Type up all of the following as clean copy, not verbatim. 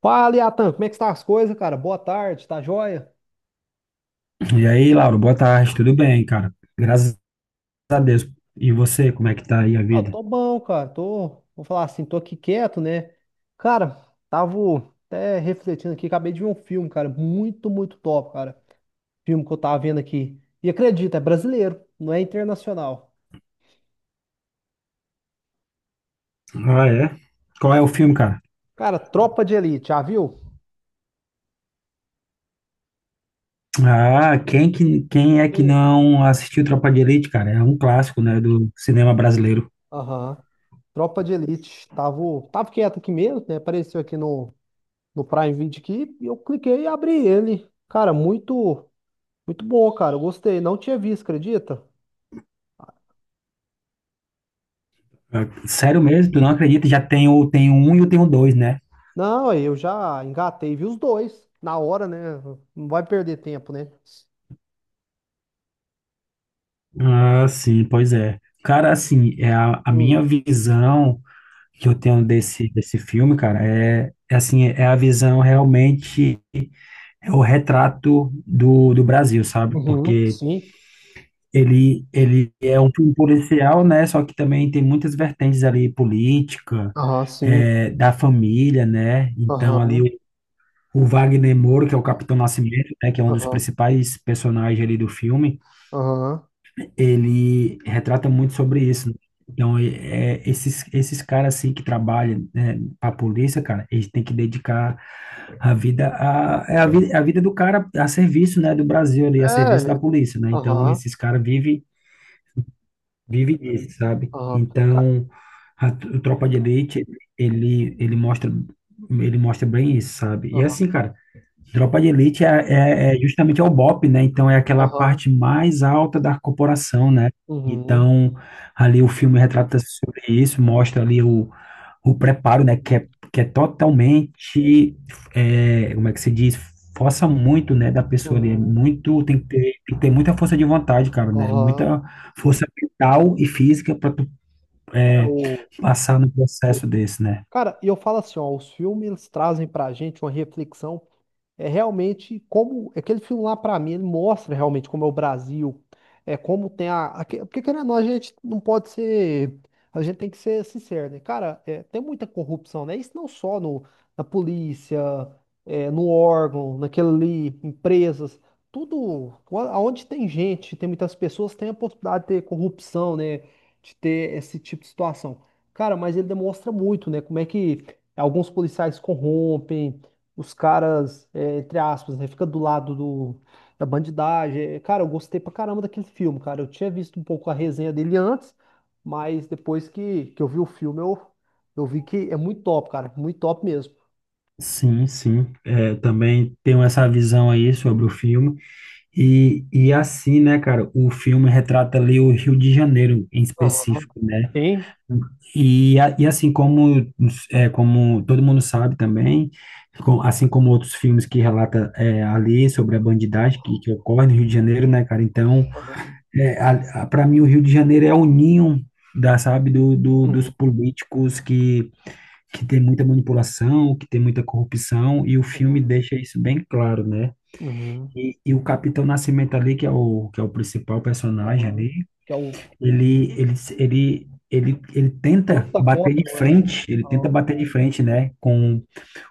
Fala, Iatan. Como é que está as coisas, cara? Boa tarde, tá joia? E aí, Lauro, boa tarde, tudo bem, cara? Graças a Deus. E você, como é que tá aí a Ah, eu vida? tô bom, cara. Vou falar assim, tô aqui quieto, né? Cara, tava até refletindo aqui, acabei de ver um filme, cara, muito, muito top, cara. Filme que eu tava vendo aqui. E acredita, é brasileiro, não é internacional. Ah, é? Qual é o filme, cara? Cara, Tropa de Elite, já viu? Ah, quem é que Sim. não assistiu Tropa de Elite, cara? É um clássico, né, do cinema brasileiro. Aham. Tropa de Elite. Tava quieto aqui mesmo, né? Apareceu aqui no Prime Video aqui, e eu cliquei e abri ele. Cara, muito, muito bom, cara. Eu gostei, não tinha visto, acredita? Ah, sério mesmo, tu não acredita? Já tem o, tem o um e o tem o dois, né? Não, eu já engatei, vi os dois na hora, né? Não vai perder tempo, né? Ah, sim, pois é. Cara, assim, é a minha Hum. visão que eu tenho desse filme, cara, é assim, é a visão realmente é o retrato do Brasil, sabe? Uhum, Porque sim. Ele é um filme policial, né? Só que também tem muitas vertentes ali, política, Aham, sim. é, da família, né? Então ali Aham, o Wagner Moura, que é o Capitão Nascimento, né? Que é um dos aham, principais personagens ali do filme, aham. ele retrata muito sobre isso, né? Então, esses caras assim que trabalham, né, para a polícia, cara, eles têm que dedicar a vida, é a vida do cara a serviço, né, do Brasil ali, a É, serviço da polícia, né? Então, aham, esses caras vive disso, sabe? aham. Então, o Tropa de Elite, ele, ele mostra, ele mostra bem isso, sabe? E é Aham, assim, cara, Tropa de Elite é justamente é o BOPE, né? Então, é aquela aham. parte mais alta da corporação, né? Uhum, Então, ali o filme retrata sobre isso, mostra ali o preparo, né, uhum, que é totalmente, é, como é que se diz, força muito, né, da pessoa ali, é uhum, muito, tem que ter muita força de vontade, cara, né, aham. muita força mental e física para tu É é, o. passar no processo desse, né. Cara, e eu falo assim, ó, os filmes trazem pra gente uma reflexão é realmente como aquele filme lá pra mim, ele mostra realmente como é o Brasil, é como tem porque querendo ou não, a gente não pode ser, a gente tem que ser sincero, né? Cara, é, tem muita corrupção, né? Isso não só na polícia, é, no órgão, naquele ali, empresas, tudo, aonde tem gente, tem muitas pessoas, tem a possibilidade de ter corrupção, né? De ter esse tipo de situação. Cara, mas ele demonstra muito, né? Como é que alguns policiais corrompem, os caras entre aspas, né? Fica do lado da bandidagem. É, cara, eu gostei pra caramba daquele filme, cara. Eu tinha visto um pouco a resenha dele antes, mas depois que eu vi o filme, eu vi que é muito top, cara. Muito top mesmo. Sim, sim, é, também tenho essa visão aí sobre o filme, e assim, né, cara, o filme retrata ali o Rio de Janeiro em Aham. específico, né. Sim. E, e assim como, é, como todo mundo sabe também, assim como outros filmes que relata é, ali sobre a bandidagem que ocorre no Rio de Janeiro, né, cara? Então, Aham, é, para mim, o Rio de Janeiro é o ninho da, sabe, dos uhum. políticos que tem muita manipulação, que tem muita corrupção, e o filme Uhum. deixa isso bem claro, né? Uhum. E o Capitão Nascimento ali, que é o principal personagem Aham. ali, Que é o ele tenta luta bater de contra frente, ele tenta o- bater de frente, né,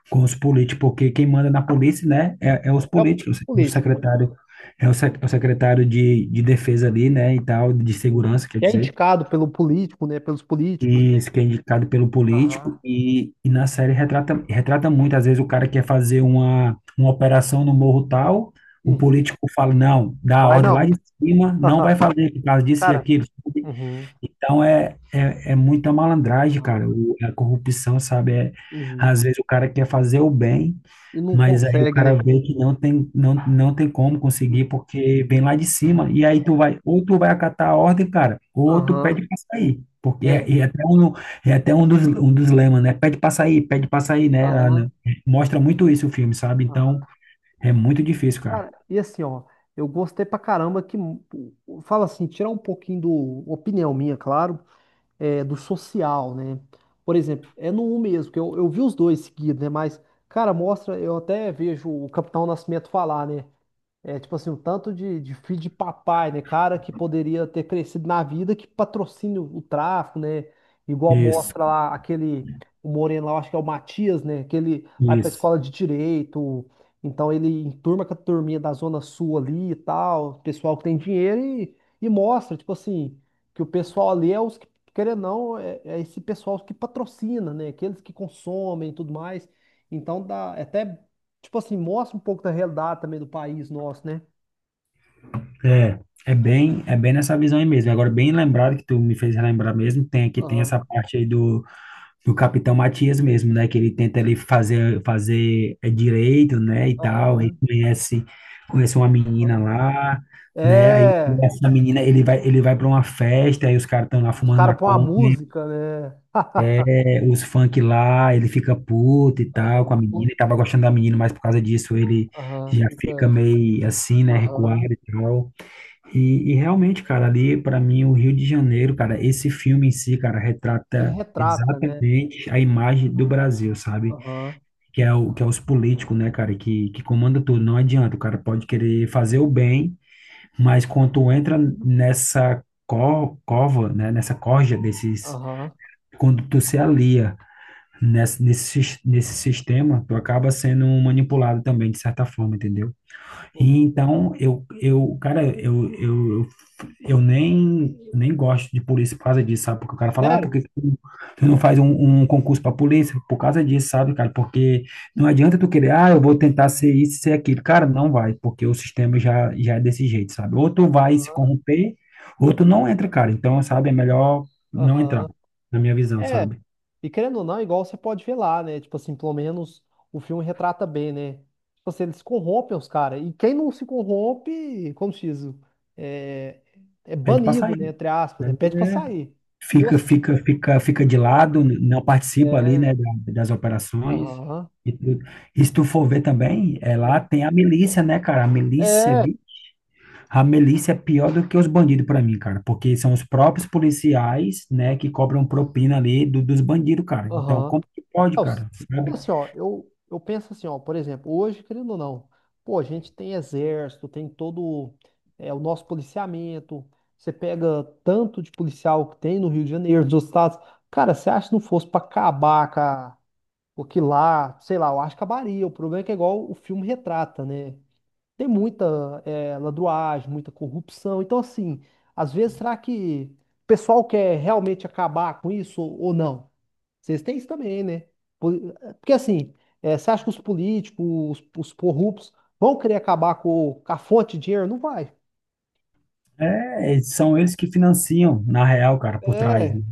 com os políticos, porque quem manda na polícia, né, é os é o políticos, é o político, né? secretário, é o, é o secretário de defesa ali, né, e tal, de Uhum. segurança, quer Que é dizer, indicado pelo político, né? Pelos políticos, e né? isso que é indicado pelo político, Aham. E na série retrata, retrata muito, às vezes o cara quer fazer uma operação no morro tal, o Uhum. político fala, não, dá a Vai ordem lá não. de cima, não vai fazer por causa disso e Cara, aquilo, uhum. então é muita malandragem, cara. Aham, O- a corrupção, sabe? É, uhum. às vezes o cara quer fazer o bem, E não mas aí o consegue, cara né? vê que não tem, não tem como conseguir Uhum. porque vem lá de cima. E aí tu vai, ou tu vai acatar a ordem, cara, ou tu Aham, pede pra sair. Porque é, é até um dos lemas, né? Pede pra sair, né? Lá no- aham, Mostra muito isso o filme, sabe? aham. Então é muito difícil, cara. Cara, e assim, ó, eu gostei pra caramba que, fala assim, tirar um pouquinho opinião minha, claro, é, do social, né? Por exemplo, é no 1 mesmo, que eu vi os dois seguidos, né? Mas, cara, mostra, eu até vejo o Capitão Nascimento falar, né? É tipo assim, o tanto de filho de papai, né? Cara que poderia ter crescido na vida que patrocina o tráfico, né? Igual Isso, mostra lá aquele, o Moreno lá, eu acho que é o Matias, né? Que ele vai pra isso. escola de direito, então ele enturma com a turminha da Zona Sul ali e tal, pessoal que tem dinheiro e mostra, tipo assim, que o pessoal ali é os que, querendo ou não, é esse pessoal que patrocina, né? Aqueles que consomem e tudo mais. Então dá é até. Tipo assim, mostra um pouco da realidade também do país nosso, né? É, é bem nessa visão aí mesmo. Agora, bem lembrado que tu me fez relembrar mesmo, tem aqui tem Aham, essa parte aí do Capitão Matias mesmo, né? Que ele tenta ali fazer é, direito, né, e tal. Aí aham, conhece uma menina aham. lá, né? Aí É, essa menina, ele vai para uma festa, aí os caras estão lá os fumando caras põem a maconha, música, né? é, os funk lá, ele fica puto e tal com a Aham, menina, ele tava gostando da menina, mas por causa disso ele aham, já fica fica, meio assim, né, recuado aham. e tal. E realmente, cara, ali para mim o Rio de Janeiro, cara, esse filme em si, cara, Ele retrata retrata, né? exatamente a imagem do Brasil, sabe? Aham, Que é o que é os políticos, né, cara, que comanda tudo. Não adianta, o cara pode querer fazer o bem, mas quando entra nessa co- cova, né, nessa corja desses, aham, quando tu se alia nesse nesse sistema, tu acaba sendo manipulado também de certa forma, entendeu? E uhum. então, eu, cara, eu nem, nem gosto de polícia por causa disso, sabe? Porque o cara fala, ah, por Sério? que que tu não faz um, um concurso para polícia? Por causa disso, sabe, cara? Porque não adianta tu querer, ah, eu vou tentar ser isso, ser aquilo. Cara, não vai, porque o sistema já é desse jeito, sabe? Ou tu vai se Aham, corromper, ou tu não entra, cara. Então, sabe, é melhor não entrar, aham. na minha visão, É, sabe? e querendo ou não, é igual você pode ver lá, né? Tipo assim, pelo menos o filme retrata bem, né? Tipo assim, eles corrompem os caras. E quem não se corrompe, como se diz, é, é Pede pra banido, sair. né? Entre aspas, Né? né? Pede pra sair. Nossa. Fica de Aham. lado, não participa ali, É, né, da- das operações aham. e tudo. E se tu for ver também, é, lá Ah, tem a milícia, né, cara? A milícia, é, a milícia é pior do que os bandidos para mim, cara, porque são os próprios policiais, né, que cobram propina ali do- dos bandidos, cara. Então, aham. como que pode, É, cara? e Sabe? assim, ó, eu penso assim, ó, por exemplo, hoje, querendo ou não, pô, a gente tem exército, tem todo o nosso policiamento, você pega tanto de policial que tem no Rio de Janeiro, nos outros estados, cara, você acha que não fosse pra acabar com com aquilo lá, sei lá, eu acho que acabaria, o problema é que é igual o filme retrata, né? Tem muita ladruagem, muita corrupção, então assim, às vezes será que o pessoal quer realmente acabar com isso ou não? Vocês têm isso também, né? Po- Porque assim, você acha que os políticos, os corruptos, vão querer acabar com a fonte de dinheiro? Não vai. É, são eles que financiam, na real, cara, por trás. É. Né?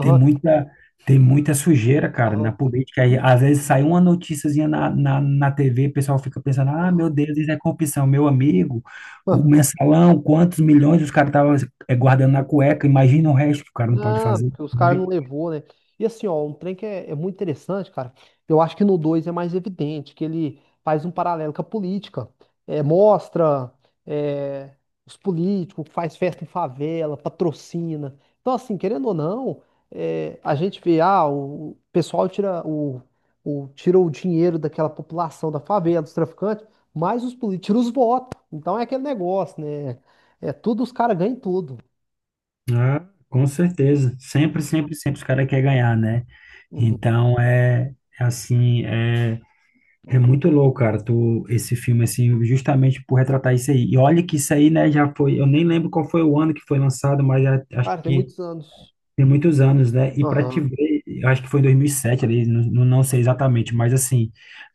Tem muita, tem muita sujeira, cara, na Aham. política. Aí, às vezes sai uma noticiazinha na TV, o pessoal fica pensando, ah, meu Aham. Deus, isso é corrupção. Meu amigo, o mensalão, quantos milhões os caras estavam guardando na cueca, imagina o resto que o cara não pode Não, fazer, porque os caras não sabe? levou, né? E assim, ó, um trem que é muito interessante, cara. Eu acho que no 2 é mais evidente, que ele faz um paralelo com a política. É, mostra é, os políticos, faz festa em favela, patrocina. Então, assim, querendo ou não, é, a gente vê, ah, o pessoal tira o dinheiro daquela população da favela, dos traficantes, mas os políticos tiram os votos. Então é aquele negócio, né? É tudo, os caras ganham tudo. Ah, com certeza. Sempre os caras querem ganhar, né? Uhum. Então, é assim, é é muito louco, cara, tu, esse filme, assim, justamente por retratar isso aí. E olha que isso aí, né, já foi, eu nem lembro qual foi o ano que foi lançado, mas já- acho Cara, tem que muitos anos. tem muitos anos, né? E pra te Aham. ver, eu acho que foi em 2007 ali, não sei exatamente, mas assim,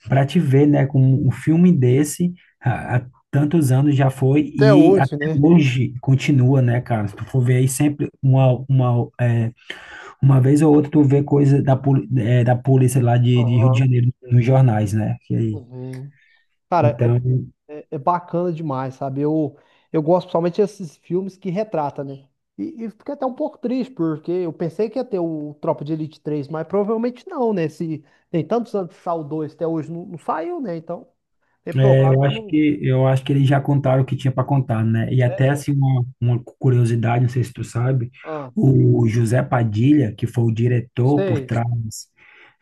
pra te ver, né, com um filme desse, há tantos anos já foi Até e até hoje, né? hoje continua, né, cara? Se tu for ver aí sempre é, uma vez ou outra tu vê coisa da, é, da polícia lá de Rio de Aham. Janeiro nos jornais, né? Que aí Uhum. Cara, então, é bacana demais, sabe? Eu gosto principalmente desses filmes que retrata, né? E fiquei até um pouco triste, porque eu pensei que ia ter o Tropa de Elite 3 mas provavelmente não, né? Se tem tantos anos que saiu o 2, até hoje não saiu, né? Então, é é, provável que não. Eu acho que eles já contaram o que tinha para contar, né? E até É, assim uma curiosidade, não sei se tu sabe, ah, o José Padilha, que foi o diretor por sei. trás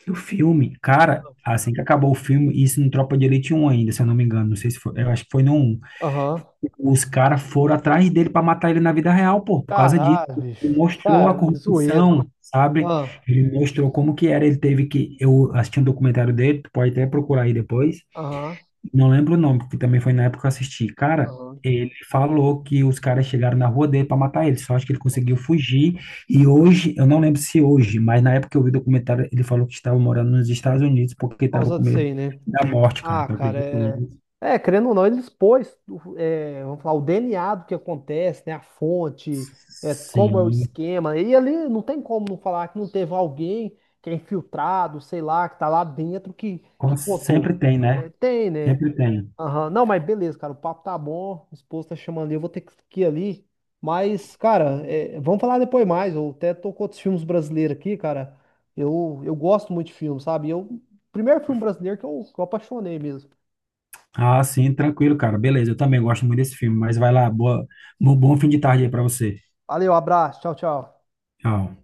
do filme, cara, assim que acabou o filme, isso no Tropa de Elite 1 ainda, se eu não me engano, não sei se foi, eu acho que foi no 1. Aham. Os caras foram atrás dele para matar ele na vida real, pô, por causa disso. Caralho, Ele bicho. mostrou a Cara, zoeira. corrupção, sabe? Ah, Ele mostrou como que era, ele teve que eu assisti um documentário dele, tu pode até procurar aí depois. aham, Não lembro o nome, porque também foi na época que eu assisti. Cara, aham. ele falou que os caras chegaram na rua dele para matar ele, só acho que ele Por conseguiu fugir. E hoje, eu não lembro se hoje, mas na época que eu vi o documentário, ele falou que estava morando nos Estados Unidos porque estava causa com disso medo aí, né? da morte, cara. Ah, Tu cara, acredita é. nisso? É, querendo ou não, ele expôs, é, vamos falar, o DNA do que acontece, né? A fonte, é, como é o Sim, esquema. E ali não tem como não falar que não teve alguém que é infiltrado, sei lá, que tá lá dentro que contou. sempre tem, né? É, tem, né? Sempre tem. Aham. Não, mas beleza, cara. O papo tá bom. O esposo tá chamando ali. Eu vou ter que ir ali. Mas, cara, é, vamos falar depois mais. Eu até tô com outros filmes brasileiros aqui, cara. Eu gosto muito de filme, sabe? Primeiro filme brasileiro que eu apaixonei mesmo. Ah, sim, tranquilo, cara. Beleza, eu também gosto muito desse filme, mas vai lá, boa, bom fim de tarde aí para você. Valeu, abraço. Tchau, tchau. Tchau.